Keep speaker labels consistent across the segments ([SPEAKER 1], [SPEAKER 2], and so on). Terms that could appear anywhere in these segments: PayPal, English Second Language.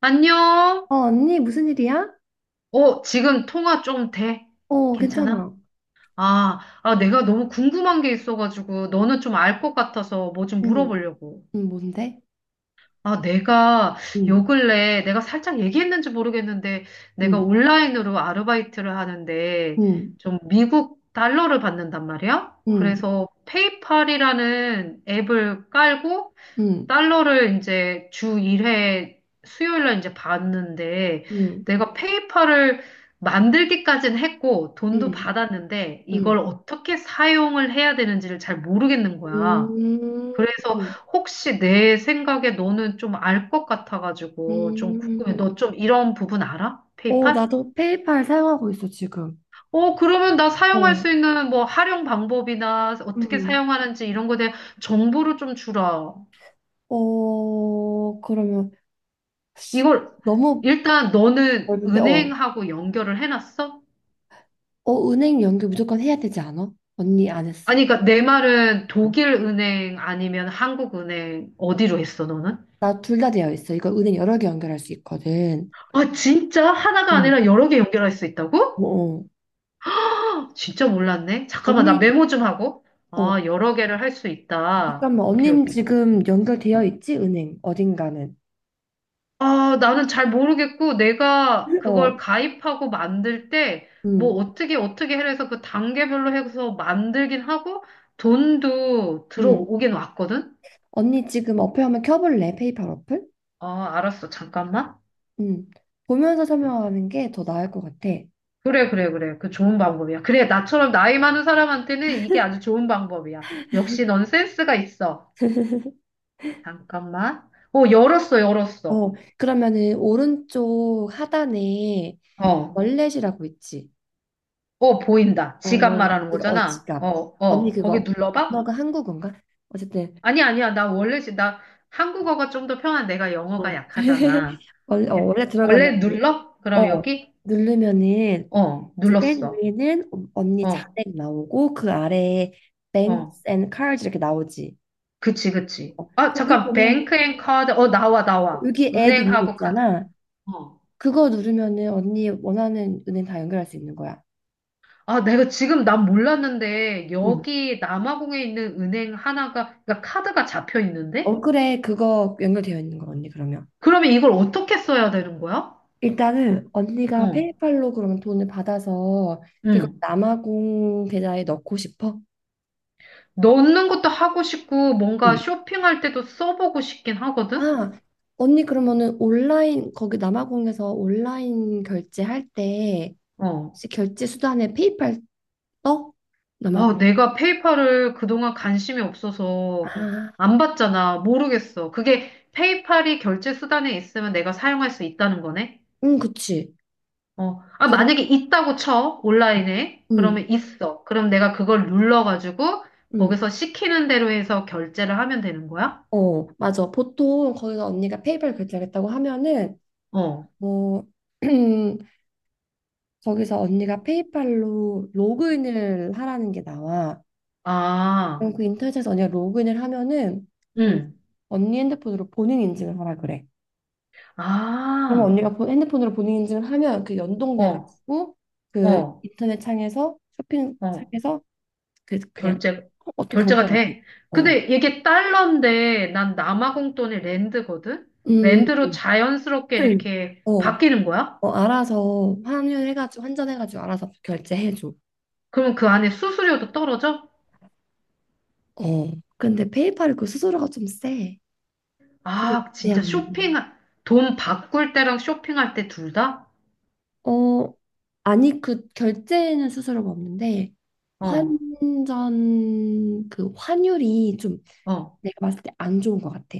[SPEAKER 1] 안녕?
[SPEAKER 2] 어, 언니, 무슨 일이야?
[SPEAKER 1] 어, 지금 통화 좀 돼?
[SPEAKER 2] 어, 어,
[SPEAKER 1] 괜찮아?
[SPEAKER 2] 괜찮아.
[SPEAKER 1] 아, 내가 너무 궁금한 게 있어가지고, 너는 좀 알 것 같아서 뭐 좀
[SPEAKER 2] 응,
[SPEAKER 1] 물어보려고.
[SPEAKER 2] 응, 뭔데?
[SPEAKER 1] 아, 내가
[SPEAKER 2] 응,
[SPEAKER 1] 요 근래, 내가 살짝 얘기했는지 모르겠는데, 내가
[SPEAKER 2] 응,
[SPEAKER 1] 온라인으로 아르바이트를 하는데,
[SPEAKER 2] 응,
[SPEAKER 1] 좀 미국 달러를 받는단 말이야?
[SPEAKER 2] 응,
[SPEAKER 1] 그래서 페이팔이라는 앱을 깔고,
[SPEAKER 2] 응,
[SPEAKER 1] 달러를 이제 주 1회 수요일 날 이제 받는데
[SPEAKER 2] 응,
[SPEAKER 1] 내가 페이팔을 만들기까지는 했고 돈도
[SPEAKER 2] 응,
[SPEAKER 1] 받았는데 이걸
[SPEAKER 2] 응,
[SPEAKER 1] 어떻게 사용을 해야 되는지를 잘 모르겠는 거야. 그래서
[SPEAKER 2] 음,
[SPEAKER 1] 혹시 내 생각에 너는 좀 알 것 같아가지고 좀 궁금해.
[SPEAKER 2] 음.
[SPEAKER 1] 너 좀 이런 부분 알아?
[SPEAKER 2] 어,
[SPEAKER 1] 페이팔?
[SPEAKER 2] 나도 페이팔 사용하고 있어, 지금.
[SPEAKER 1] 어, 그러면 나 사용할
[SPEAKER 2] 어,
[SPEAKER 1] 수 있는 뭐 활용 방법이나 어떻게
[SPEAKER 2] 음.
[SPEAKER 1] 사용하는지 이런 거에 대한 정보를 좀 주라.
[SPEAKER 2] 어, 그러면
[SPEAKER 1] 이걸
[SPEAKER 2] 너무
[SPEAKER 1] 일단 너는
[SPEAKER 2] 넓은데, 어,
[SPEAKER 1] 은행하고 연결을 해놨어?
[SPEAKER 2] 어, 은행 연결 무조건 해야 되지 않아? 언니 안 했어?
[SPEAKER 1] 아니, 그러니까 내 말은
[SPEAKER 2] 어.
[SPEAKER 1] 독일 은행 아니면 한국 은행 어디로 했어, 너는?
[SPEAKER 2] 나둘 다 되어 있어. 이거 은행 여러 개 연결할 수 있거든.
[SPEAKER 1] 아, 진짜? 하나가
[SPEAKER 2] 어.
[SPEAKER 1] 아니라 여러 개 연결할 수
[SPEAKER 2] 어,
[SPEAKER 1] 있다고?
[SPEAKER 2] 어.
[SPEAKER 1] 아, 진짜 몰랐네. 잠깐만, 나
[SPEAKER 2] 언니,
[SPEAKER 1] 메모 좀 하고.
[SPEAKER 2] 어,
[SPEAKER 1] 아, 여러 개를 할 수 있다.
[SPEAKER 2] 잠깐만,
[SPEAKER 1] 오케이,
[SPEAKER 2] 언니는
[SPEAKER 1] 오케이.
[SPEAKER 2] 지금 연결되어 있지? 은행, 어딘가는.
[SPEAKER 1] 아, 나는 잘 모르겠고, 내가 그걸
[SPEAKER 2] 어,
[SPEAKER 1] 가입하고 만들 때, 뭐,
[SPEAKER 2] 응,
[SPEAKER 1] 어떻게, 어떻게 해서 그 단계별로 해서 만들긴 하고, 돈도
[SPEAKER 2] 응.
[SPEAKER 1] 들어오긴 왔거든?
[SPEAKER 2] 언니 지금 어플 한번 켜볼래? 페이팔 어플?
[SPEAKER 1] 아, 알았어. 잠깐만.
[SPEAKER 2] 응. 보면서 설명하는 게 더 나을 것 같아.
[SPEAKER 1] 그래, 그래, 그래. 그 좋은 방법이야. 그래, 나처럼 나이 많은 사람한테는 이게 아주 좋은 방법이야. 역시 넌 센스가 있어. 잠깐만. 어, 열었어, 열었어.
[SPEAKER 2] 어, 그러면은 오른쪽 하단에
[SPEAKER 1] 어,
[SPEAKER 2] 월렛이라고 있지?
[SPEAKER 1] 어, 보인다.
[SPEAKER 2] 어,
[SPEAKER 1] 지갑
[SPEAKER 2] 월렛,
[SPEAKER 1] 말하는
[SPEAKER 2] 이거
[SPEAKER 1] 거잖아. 어,
[SPEAKER 2] 지갑. 언니
[SPEAKER 1] 어, 거기
[SPEAKER 2] 그거,
[SPEAKER 1] 눌러봐?
[SPEAKER 2] 너가 한국어인가? 어쨌든,
[SPEAKER 1] 아니, 아니야. 나 원래, 나 한국어가 좀 더 편한 내가
[SPEAKER 2] 어.
[SPEAKER 1] 영어가 약하잖아. 예,
[SPEAKER 2] 원래 들어가면,
[SPEAKER 1] 원래 눌러? 그럼
[SPEAKER 2] 어,
[SPEAKER 1] 여기?
[SPEAKER 2] 누르면은
[SPEAKER 1] 어,
[SPEAKER 2] 이제 맨
[SPEAKER 1] 눌렀어.
[SPEAKER 2] 위에는 언니
[SPEAKER 1] 어,
[SPEAKER 2] 자택 나오고 그 아래에
[SPEAKER 1] 어.
[SPEAKER 2] Banks and Cars d 이렇게 나오지.
[SPEAKER 1] 그치, 그치.
[SPEAKER 2] 어,
[SPEAKER 1] 아,
[SPEAKER 2] 거기
[SPEAKER 1] 잠깐,
[SPEAKER 2] 보면
[SPEAKER 1] 뱅크 앤 카드. 어, 나와, 나와.
[SPEAKER 2] 여기 add 있는 거
[SPEAKER 1] 은행하고 카드.
[SPEAKER 2] 있잖아.
[SPEAKER 1] 어.
[SPEAKER 2] 그거 누르면은 언니 원하는 은행 다 연결할 수 있는 거야.
[SPEAKER 1] 아, 내가 지금 난 몰랐는데,
[SPEAKER 2] 응.
[SPEAKER 1] 여기 남아공에 있는 은행 하나가, 그러니까 카드가 잡혀
[SPEAKER 2] 어,
[SPEAKER 1] 있는데?
[SPEAKER 2] 그래, 그거 연결되어 있는 거 언니 그러면.
[SPEAKER 1] 그러면 이걸 어떻게 써야 되는 거야?
[SPEAKER 2] 일단은 언니가
[SPEAKER 1] 어,
[SPEAKER 2] 페이팔로 그러면 돈을 받아서 그거
[SPEAKER 1] 응.
[SPEAKER 2] 남아공 계좌에 넣고 싶어?
[SPEAKER 1] 넣는 것도 하고 싶고, 뭔가
[SPEAKER 2] 응.
[SPEAKER 1] 쇼핑할 때도 써보고 싶긴 하거든?
[SPEAKER 2] 아, 언니 그러면은 온라인 거기 남아공에서 온라인 결제할 때
[SPEAKER 1] 어.
[SPEAKER 2] 혹시 결제 수단에 페이팔 떠? 나 말고.
[SPEAKER 1] 아, 내가 페이팔을 그동안 관심이 없어서
[SPEAKER 2] 아,
[SPEAKER 1] 안 봤잖아. 모르겠어. 그게 페이팔이 결제 수단에 있으면 내가 사용할 수 있다는 거네?
[SPEAKER 2] 응, 그치.
[SPEAKER 1] 어, 아,
[SPEAKER 2] 그럼,
[SPEAKER 1] 만약에 있다고 쳐, 온라인에.
[SPEAKER 2] 응,
[SPEAKER 1] 그러면 있어. 그럼 내가 그걸 눌러가지고,
[SPEAKER 2] 응.
[SPEAKER 1] 거기서 시키는 대로 해서 결제를 하면 되는 거야?
[SPEAKER 2] 어, 맞아. 보통 거기서 언니가 페이팔 결제하겠다고 하면은,
[SPEAKER 1] 어,
[SPEAKER 2] 뭐, 거기서 언니가 페이팔로 로그인을 하라는 게 나와. 그럼
[SPEAKER 1] 아,
[SPEAKER 2] 그 인터넷에서 언니가 로그인을 하면은, 거기
[SPEAKER 1] 응,
[SPEAKER 2] 언니 핸드폰으로 본인 인증을 하라 그래. 그러면
[SPEAKER 1] 아,
[SPEAKER 2] 언니가 핸드폰으로 본인 인증을 하면 그
[SPEAKER 1] 어,
[SPEAKER 2] 연동돼가지고, 그
[SPEAKER 1] 어,
[SPEAKER 2] 인터넷 창에서, 쇼핑
[SPEAKER 1] 어,
[SPEAKER 2] 창에서 그래서 그냥
[SPEAKER 1] 결제,
[SPEAKER 2] 어떤
[SPEAKER 1] 결제가
[SPEAKER 2] 경제가 돼.
[SPEAKER 1] 돼.
[SPEAKER 2] 어.
[SPEAKER 1] 근데 이게 달러인데, 난 남아공돈이 랜드거든?
[SPEAKER 2] 음.
[SPEAKER 1] 랜드로 자연스럽게
[SPEAKER 2] 응.
[SPEAKER 1] 이렇게
[SPEAKER 2] 어.
[SPEAKER 1] 바뀌는 거야?
[SPEAKER 2] 어, 알아서 환율해가지고 환전해가지고 알아서 결제해줘.
[SPEAKER 1] 그러면 그 안에 수수료도 떨어져?
[SPEAKER 2] 어. 근데 페이팔이 그 수수료가 좀 세. 그게
[SPEAKER 1] 아,
[SPEAKER 2] 문제야.
[SPEAKER 1] 진짜 쇼핑,
[SPEAKER 2] 음.
[SPEAKER 1] 돈 바꿀 때랑 쇼핑할 때 둘 다?
[SPEAKER 2] 어. 아니, 그 결제는 수수료가 없는데
[SPEAKER 1] 어,
[SPEAKER 2] 환전 그 환율이 좀
[SPEAKER 1] 어.
[SPEAKER 2] 내가 봤을 때 안 좋은 것 같아.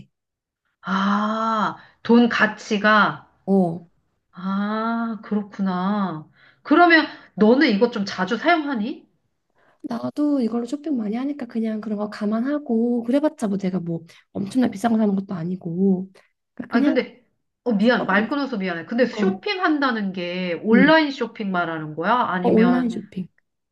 [SPEAKER 1] 아, 돈 가치가,
[SPEAKER 2] 어.
[SPEAKER 1] 아, 그렇구나. 그러면 너는 이거 좀 자주 사용하니?
[SPEAKER 2] 나도 이걸로 쇼핑 많이 하니까 그냥 그런 거 감안하고 그래봤자 뭐 내가 뭐 엄청나 비싼 거 사는 것도 아니고 그러니까
[SPEAKER 1] 아니,
[SPEAKER 2] 그냥
[SPEAKER 1] 근데, 어,
[SPEAKER 2] 써
[SPEAKER 1] 미안,
[SPEAKER 2] 버리
[SPEAKER 1] 말 끊어서 미안해. 근데
[SPEAKER 2] 어,
[SPEAKER 1] 쇼핑한다는 게
[SPEAKER 2] 음.
[SPEAKER 1] 온라인 쇼핑 말하는 거야?
[SPEAKER 2] 어, 온라인
[SPEAKER 1] 아니면,
[SPEAKER 2] 쇼핑.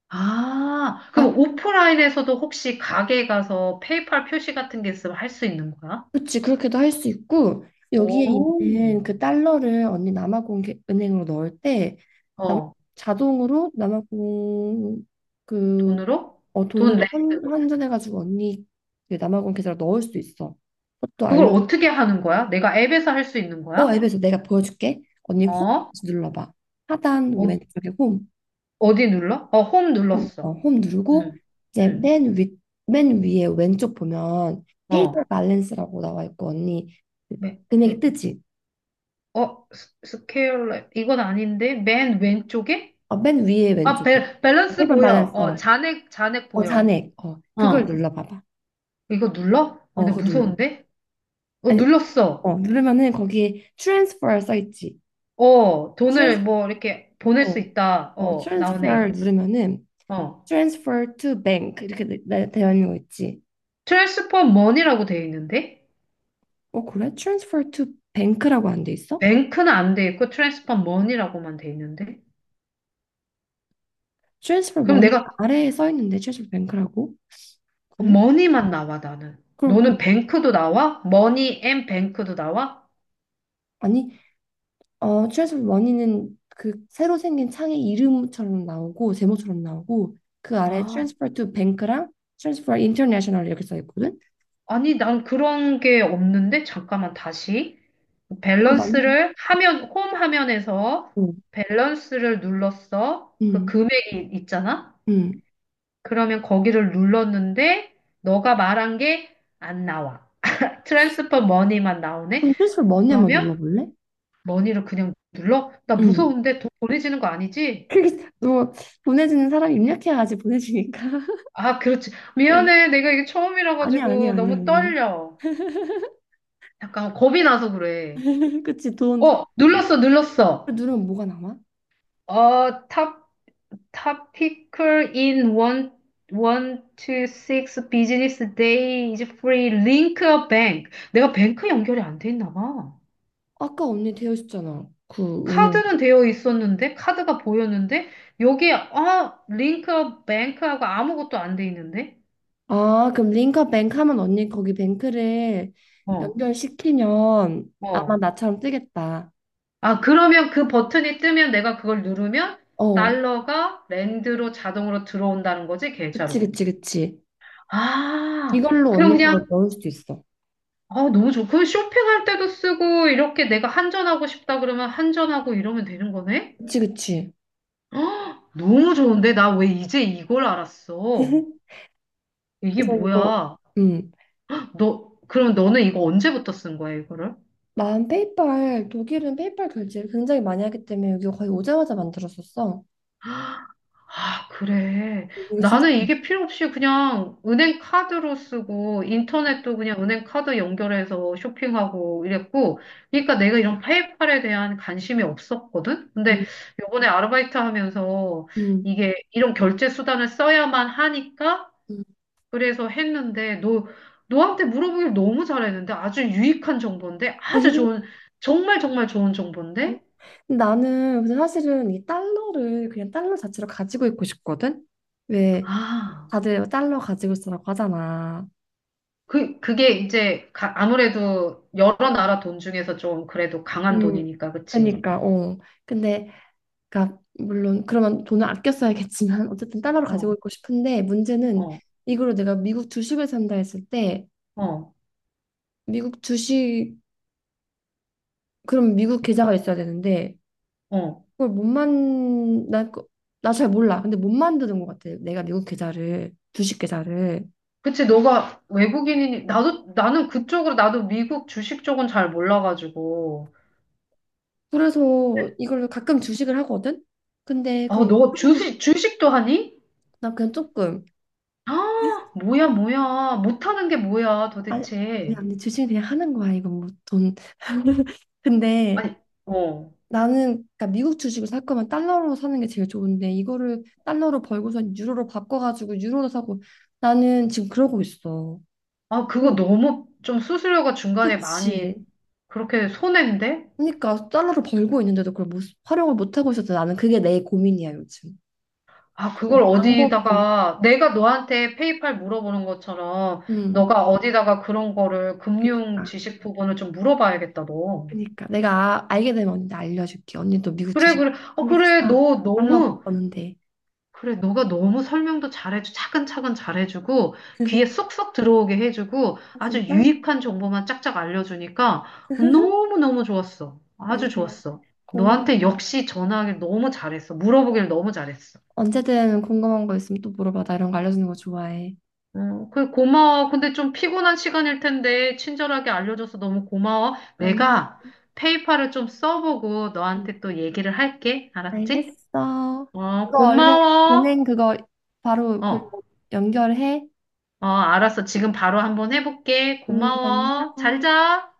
[SPEAKER 1] 아,
[SPEAKER 2] 아,
[SPEAKER 1] 그럼 오프라인에서도 혹시 가게 가서 페이팔 표시 같은 게 있으면 할 수 있는 거야?
[SPEAKER 2] 그렇지, 그렇게도 할 수 있고, 여기에
[SPEAKER 1] 오.
[SPEAKER 2] 있는 그 달러를 언니 남아공은행으로 넣을 때, 남,
[SPEAKER 1] 어,
[SPEAKER 2] 자동으로 남아공 그,
[SPEAKER 1] 돈으로? 돈
[SPEAKER 2] 돈으로 환,
[SPEAKER 1] 렌트거든?
[SPEAKER 2] 환전해가지고 언니 그 남아공 계좌로 넣을 수 있어. 그것도
[SPEAKER 1] 그걸
[SPEAKER 2] 알려.
[SPEAKER 1] 어떻게 하는 거야? 내가 앱에서 할 수 있는
[SPEAKER 2] 어,
[SPEAKER 1] 거야?
[SPEAKER 2] 앱에서 내가 보여줄게. 언니 홈
[SPEAKER 1] 어?
[SPEAKER 2] 눌러봐. 하단
[SPEAKER 1] 어디
[SPEAKER 2] 왼쪽에 홈.
[SPEAKER 1] 어디 눌러? 어, 홈
[SPEAKER 2] 홈, 어,
[SPEAKER 1] 눌렀어.
[SPEAKER 2] 홈 누르고
[SPEAKER 1] 응,
[SPEAKER 2] 이제
[SPEAKER 1] 응,
[SPEAKER 2] 맨 위에 왼쪽 보면 페이퍼
[SPEAKER 1] 어.
[SPEAKER 2] 밸런스라고 나와 있고 언니 그
[SPEAKER 1] 매,
[SPEAKER 2] 금액이 뜨지?
[SPEAKER 1] 어, 스케일러, 이건 아닌데? 맨 왼쪽에?
[SPEAKER 2] 어, 맨 위에
[SPEAKER 1] 아,
[SPEAKER 2] 왼쪽에
[SPEAKER 1] 밸, 밸런스
[SPEAKER 2] 페이퍼
[SPEAKER 1] 보여.
[SPEAKER 2] 밸런스
[SPEAKER 1] 어, 잔액, 잔액 보여.
[SPEAKER 2] 잔액 그걸
[SPEAKER 1] 어,
[SPEAKER 2] 눌러봐봐.
[SPEAKER 1] 이거 눌러? 어,
[SPEAKER 2] 어,
[SPEAKER 1] 근데
[SPEAKER 2] 그거 눌러.
[SPEAKER 1] 무서운데? 어,
[SPEAKER 2] 아니,
[SPEAKER 1] 눌렀어.
[SPEAKER 2] 누르면은 거기에 transfer 써 있지.
[SPEAKER 1] 어, 돈을
[SPEAKER 2] 트랜스
[SPEAKER 1] 뭐 이렇게
[SPEAKER 2] 어,
[SPEAKER 1] 보낼 수 있다.
[SPEAKER 2] 어
[SPEAKER 1] 어, 나오네.
[SPEAKER 2] transfer 누르면은
[SPEAKER 1] 어.
[SPEAKER 2] transfer to bank 이렇게 되어 있는 거 있지.
[SPEAKER 1] 트랜스퍼 머니라고 돼 있는데?
[SPEAKER 2] 어, 그래, transfer to bank라고 안돼 있어?
[SPEAKER 1] 뱅크는 안 돼 있고 트랜스퍼 머니라고만 돼 있는데?
[SPEAKER 2] transfer
[SPEAKER 1] 그럼
[SPEAKER 2] money
[SPEAKER 1] 내가
[SPEAKER 2] 아래에 써 있는데 transfer bank라고? 그래?
[SPEAKER 1] 머니만 나와, 나는.
[SPEAKER 2] 그럼
[SPEAKER 1] 너는
[SPEAKER 2] 그,
[SPEAKER 1] 뱅크도 나와? 머니 앤 뱅크도 나와?
[SPEAKER 2] 아니, 트랜스포머 원이는 그 새로 생긴 창의 이름처럼 나오고 제목처럼 나오고 그 아래
[SPEAKER 1] 아,
[SPEAKER 2] 트랜스퍼 투 뱅크랑 트랜스퍼 인터내셔널 이렇게 써 있거든.
[SPEAKER 1] 아니, 난 그런 게 없는데? 잠깐만, 다시.
[SPEAKER 2] 그거 맞는 거.
[SPEAKER 1] 밸런스를 화면, 홈 화면에서 밸런스를 눌렀어. 그
[SPEAKER 2] 응.
[SPEAKER 1] 금액이 있잖아?
[SPEAKER 2] 응.
[SPEAKER 1] 그러면 거기를 눌렀는데, 너가 말한 게 안 나와. 트랜스퍼 머니만 나오네?
[SPEAKER 2] 그럼 트랜스퍼 원이 한번
[SPEAKER 1] 그러면
[SPEAKER 2] 눌러볼래?
[SPEAKER 1] 머니를 그냥 눌러? 나
[SPEAKER 2] 응.
[SPEAKER 1] 무서운데 돈 보내지는 거 아니지?
[SPEAKER 2] 그게 너 보내주는 사람이 입력해야지 보내주니까.
[SPEAKER 1] 아, 그렇지.
[SPEAKER 2] 응.
[SPEAKER 1] 미안해. 내가 이게 처음이라
[SPEAKER 2] 아니야, 아니야,
[SPEAKER 1] 가지고
[SPEAKER 2] 아니야,
[SPEAKER 1] 너무
[SPEAKER 2] 아니야.
[SPEAKER 1] 떨려. 약간 겁이 나서 그래.
[SPEAKER 2] 그치, 돈
[SPEAKER 1] 어, 눌렀어,
[SPEAKER 2] 그
[SPEAKER 1] 눌렀어.
[SPEAKER 2] 누르면 뭐가 남아?
[SPEAKER 1] 어, topical in one, one to six business day is free. Link a bank. 내가 뱅크 연결이 안 돼 있나 봐.
[SPEAKER 2] 아까 언니 되어 있었잖아. 그 은행.
[SPEAKER 1] 카드는 되어 있었는데, 카드가 보였는데, 여기에, 어, 링크 뱅크하고 아무것도 안 돼 있는데?
[SPEAKER 2] 아, 그럼 링커뱅크 하면 언니 거기 뱅크를
[SPEAKER 1] 어,
[SPEAKER 2] 연결시키면 아마
[SPEAKER 1] 어.
[SPEAKER 2] 나처럼 뜨겠다.
[SPEAKER 1] 아, 그러면 그 버튼이 뜨면 내가 그걸 누르면
[SPEAKER 2] 어,
[SPEAKER 1] 달러가 랜드로 자동으로 들어온다는 거지,
[SPEAKER 2] 그치,
[SPEAKER 1] 계좌로.
[SPEAKER 2] 그치, 그치.
[SPEAKER 1] 아,
[SPEAKER 2] 이걸로
[SPEAKER 1] 그럼
[SPEAKER 2] 언니
[SPEAKER 1] 그냥,
[SPEAKER 2] 거 넣을 수도 있어.
[SPEAKER 1] 아, 너무 좋고. 그럼 쇼핑할 때도 쓰고, 이렇게 내가 한전하고 싶다 그러면 한전하고 이러면 되는 거네?
[SPEAKER 2] 그치, 그치.
[SPEAKER 1] 너무 좋은데? 나 왜 이제 이걸 알았어? 이게
[SPEAKER 2] 그래서 이거,
[SPEAKER 1] 뭐야?
[SPEAKER 2] 음.
[SPEAKER 1] 너, 그럼 너는 이거 언제부터 쓴 거야, 이거를?
[SPEAKER 2] 난 페이팔, 독일은 페이팔 결제를 굉장히 많이 하기 때문에 여기 거의 오자마자 만들었었어.
[SPEAKER 1] 아, 그래.
[SPEAKER 2] 이거 진짜,
[SPEAKER 1] 나는
[SPEAKER 2] 많이.
[SPEAKER 1] 이게 필요 없이 그냥 은행 카드로 쓰고 인터넷도 그냥 은행 카드 연결해서 쇼핑하고 이랬고, 그러니까 내가 이런 페이팔에 대한 관심이 없었거든? 근데
[SPEAKER 2] 음,
[SPEAKER 1] 요번에 아르바이트 하면서
[SPEAKER 2] 음,
[SPEAKER 1] 이게 이런 결제 수단을 써야만 하니까
[SPEAKER 2] 음.
[SPEAKER 1] 그래서 했는데 너, 너한테 물어보길 너무 잘했는데 아주 유익한 정보인데 아주 좋은, 정말 정말 좋은 정보인데?
[SPEAKER 2] 나는 근데 사실은 이 달러를 그냥 달러 자체로 가지고 있고 싶거든? 왜
[SPEAKER 1] 아.
[SPEAKER 2] 다들 달러 가지고 있으라고 하잖아.
[SPEAKER 1] 그게 이제 가- 아무래도 여러 나라 돈 중에서 좀 그래도 강한
[SPEAKER 2] 음,
[SPEAKER 1] 돈이니까, 그치?
[SPEAKER 2] 그니까, 어. 근데, 그니까, 물론, 그러면 돈을 아껴 써야겠지만, 어쨌든 달러로 가지고
[SPEAKER 1] 어,
[SPEAKER 2] 있고 싶은데, 문제는
[SPEAKER 1] 어,
[SPEAKER 2] 이걸로 내가 미국 주식을 산다 했을 때,
[SPEAKER 1] 어,
[SPEAKER 2] 미국 주식, 그럼 미국 계좌가 있어야 되는데,
[SPEAKER 1] 어.
[SPEAKER 2] 그걸 못 만, 나, 나 잘 몰라. 근데 못 만드는 것 같아. 내가 미국 계좌를, 주식 계좌를.
[SPEAKER 1] 그치, 너가 외국인이니, 나도, 나는 그쪽으로, 나도 미국 주식 쪽은 잘 몰라가지고.
[SPEAKER 2] 그래서 이걸로 가끔 주식을 하거든? 근데,
[SPEAKER 1] 아,
[SPEAKER 2] 그럼,
[SPEAKER 1] 너
[SPEAKER 2] 이걸로
[SPEAKER 1] 주식, 주식도 하니?
[SPEAKER 2] 나 그냥 조금,
[SPEAKER 1] 아, 뭐야, 뭐야. 못하는 게 뭐야,
[SPEAKER 2] 아,
[SPEAKER 1] 도대체.
[SPEAKER 2] 그냥, 주식 그냥 하는 거야. 이건 뭐 돈. 근데,
[SPEAKER 1] 아니, 어.
[SPEAKER 2] 나는 그러니까 미국 주식을 살 거면 달러로 사는 게 제일 좋은데 이거를 달러로 벌고선 유로로 바꿔가지고 유로로 사고 나는 지금 그러고 있어.
[SPEAKER 1] 아,
[SPEAKER 2] 응,
[SPEAKER 1] 그거 너무 좀 수수료가 중간에 많이
[SPEAKER 2] 그렇지.
[SPEAKER 1] 그렇게 손해인데?
[SPEAKER 2] 그러니까 달러로 벌고 있는데도 그걸 못, 활용을 못 하고 있어서 나는 그게 내 고민이야 요즘.
[SPEAKER 1] 아,
[SPEAKER 2] 그래서
[SPEAKER 1] 그걸
[SPEAKER 2] 방법이.
[SPEAKER 1] 어디다가 내가 너한테 페이팔 물어보는 것처럼
[SPEAKER 2] 음.
[SPEAKER 1] 너가 어디다가 그런 거를 금융
[SPEAKER 2] 그러니까.
[SPEAKER 1] 지식 부분을 좀 물어봐야겠다, 너.
[SPEAKER 2] 그러니까 내가 알게 되면 언니한테 알려줄게. 언니도 미국
[SPEAKER 1] 그래,
[SPEAKER 2] 주식
[SPEAKER 1] 그래. 어,
[SPEAKER 2] 한 개씩
[SPEAKER 1] 그래.
[SPEAKER 2] 사.
[SPEAKER 1] 너
[SPEAKER 2] 달러
[SPEAKER 1] 너무
[SPEAKER 2] 버는데.
[SPEAKER 1] 그래. 너가 너무 설명도 잘해주, 차근차근 잘해주고 귀에 쏙쏙 들어오게 해주고
[SPEAKER 2] 아,
[SPEAKER 1] 아주
[SPEAKER 2] 진짜?
[SPEAKER 1] 유익한 정보만 짝짝 알려주니까 너무너무 좋았어. 아주
[SPEAKER 2] 아니야.
[SPEAKER 1] 좋았어.
[SPEAKER 2] 고마워.
[SPEAKER 1] 너한테 역시 전화하길 너무 잘했어. 물어보길 너무 잘했어.
[SPEAKER 2] 언제든 궁금한 거 있으면 또 물어봐. 나 이런 거 알려주는 거 좋아해.
[SPEAKER 1] 어, 그래, 고마워. 근데 좀 피곤한 시간일 텐데, 친절하게 알려줘서 너무 고마워.
[SPEAKER 2] 아니,
[SPEAKER 1] 내가 페이팔을 좀 써보고 너한테 또 얘기를 할게. 알았지?
[SPEAKER 2] 알겠어.
[SPEAKER 1] 어,
[SPEAKER 2] 그거 얼른,
[SPEAKER 1] 고마워.
[SPEAKER 2] 은행 그거 바로 그거
[SPEAKER 1] 어,
[SPEAKER 2] 연결해.
[SPEAKER 1] 어, 알았어. 지금 바로 한번 해볼게. 고마워. 잘
[SPEAKER 2] 안녕.
[SPEAKER 1] 자.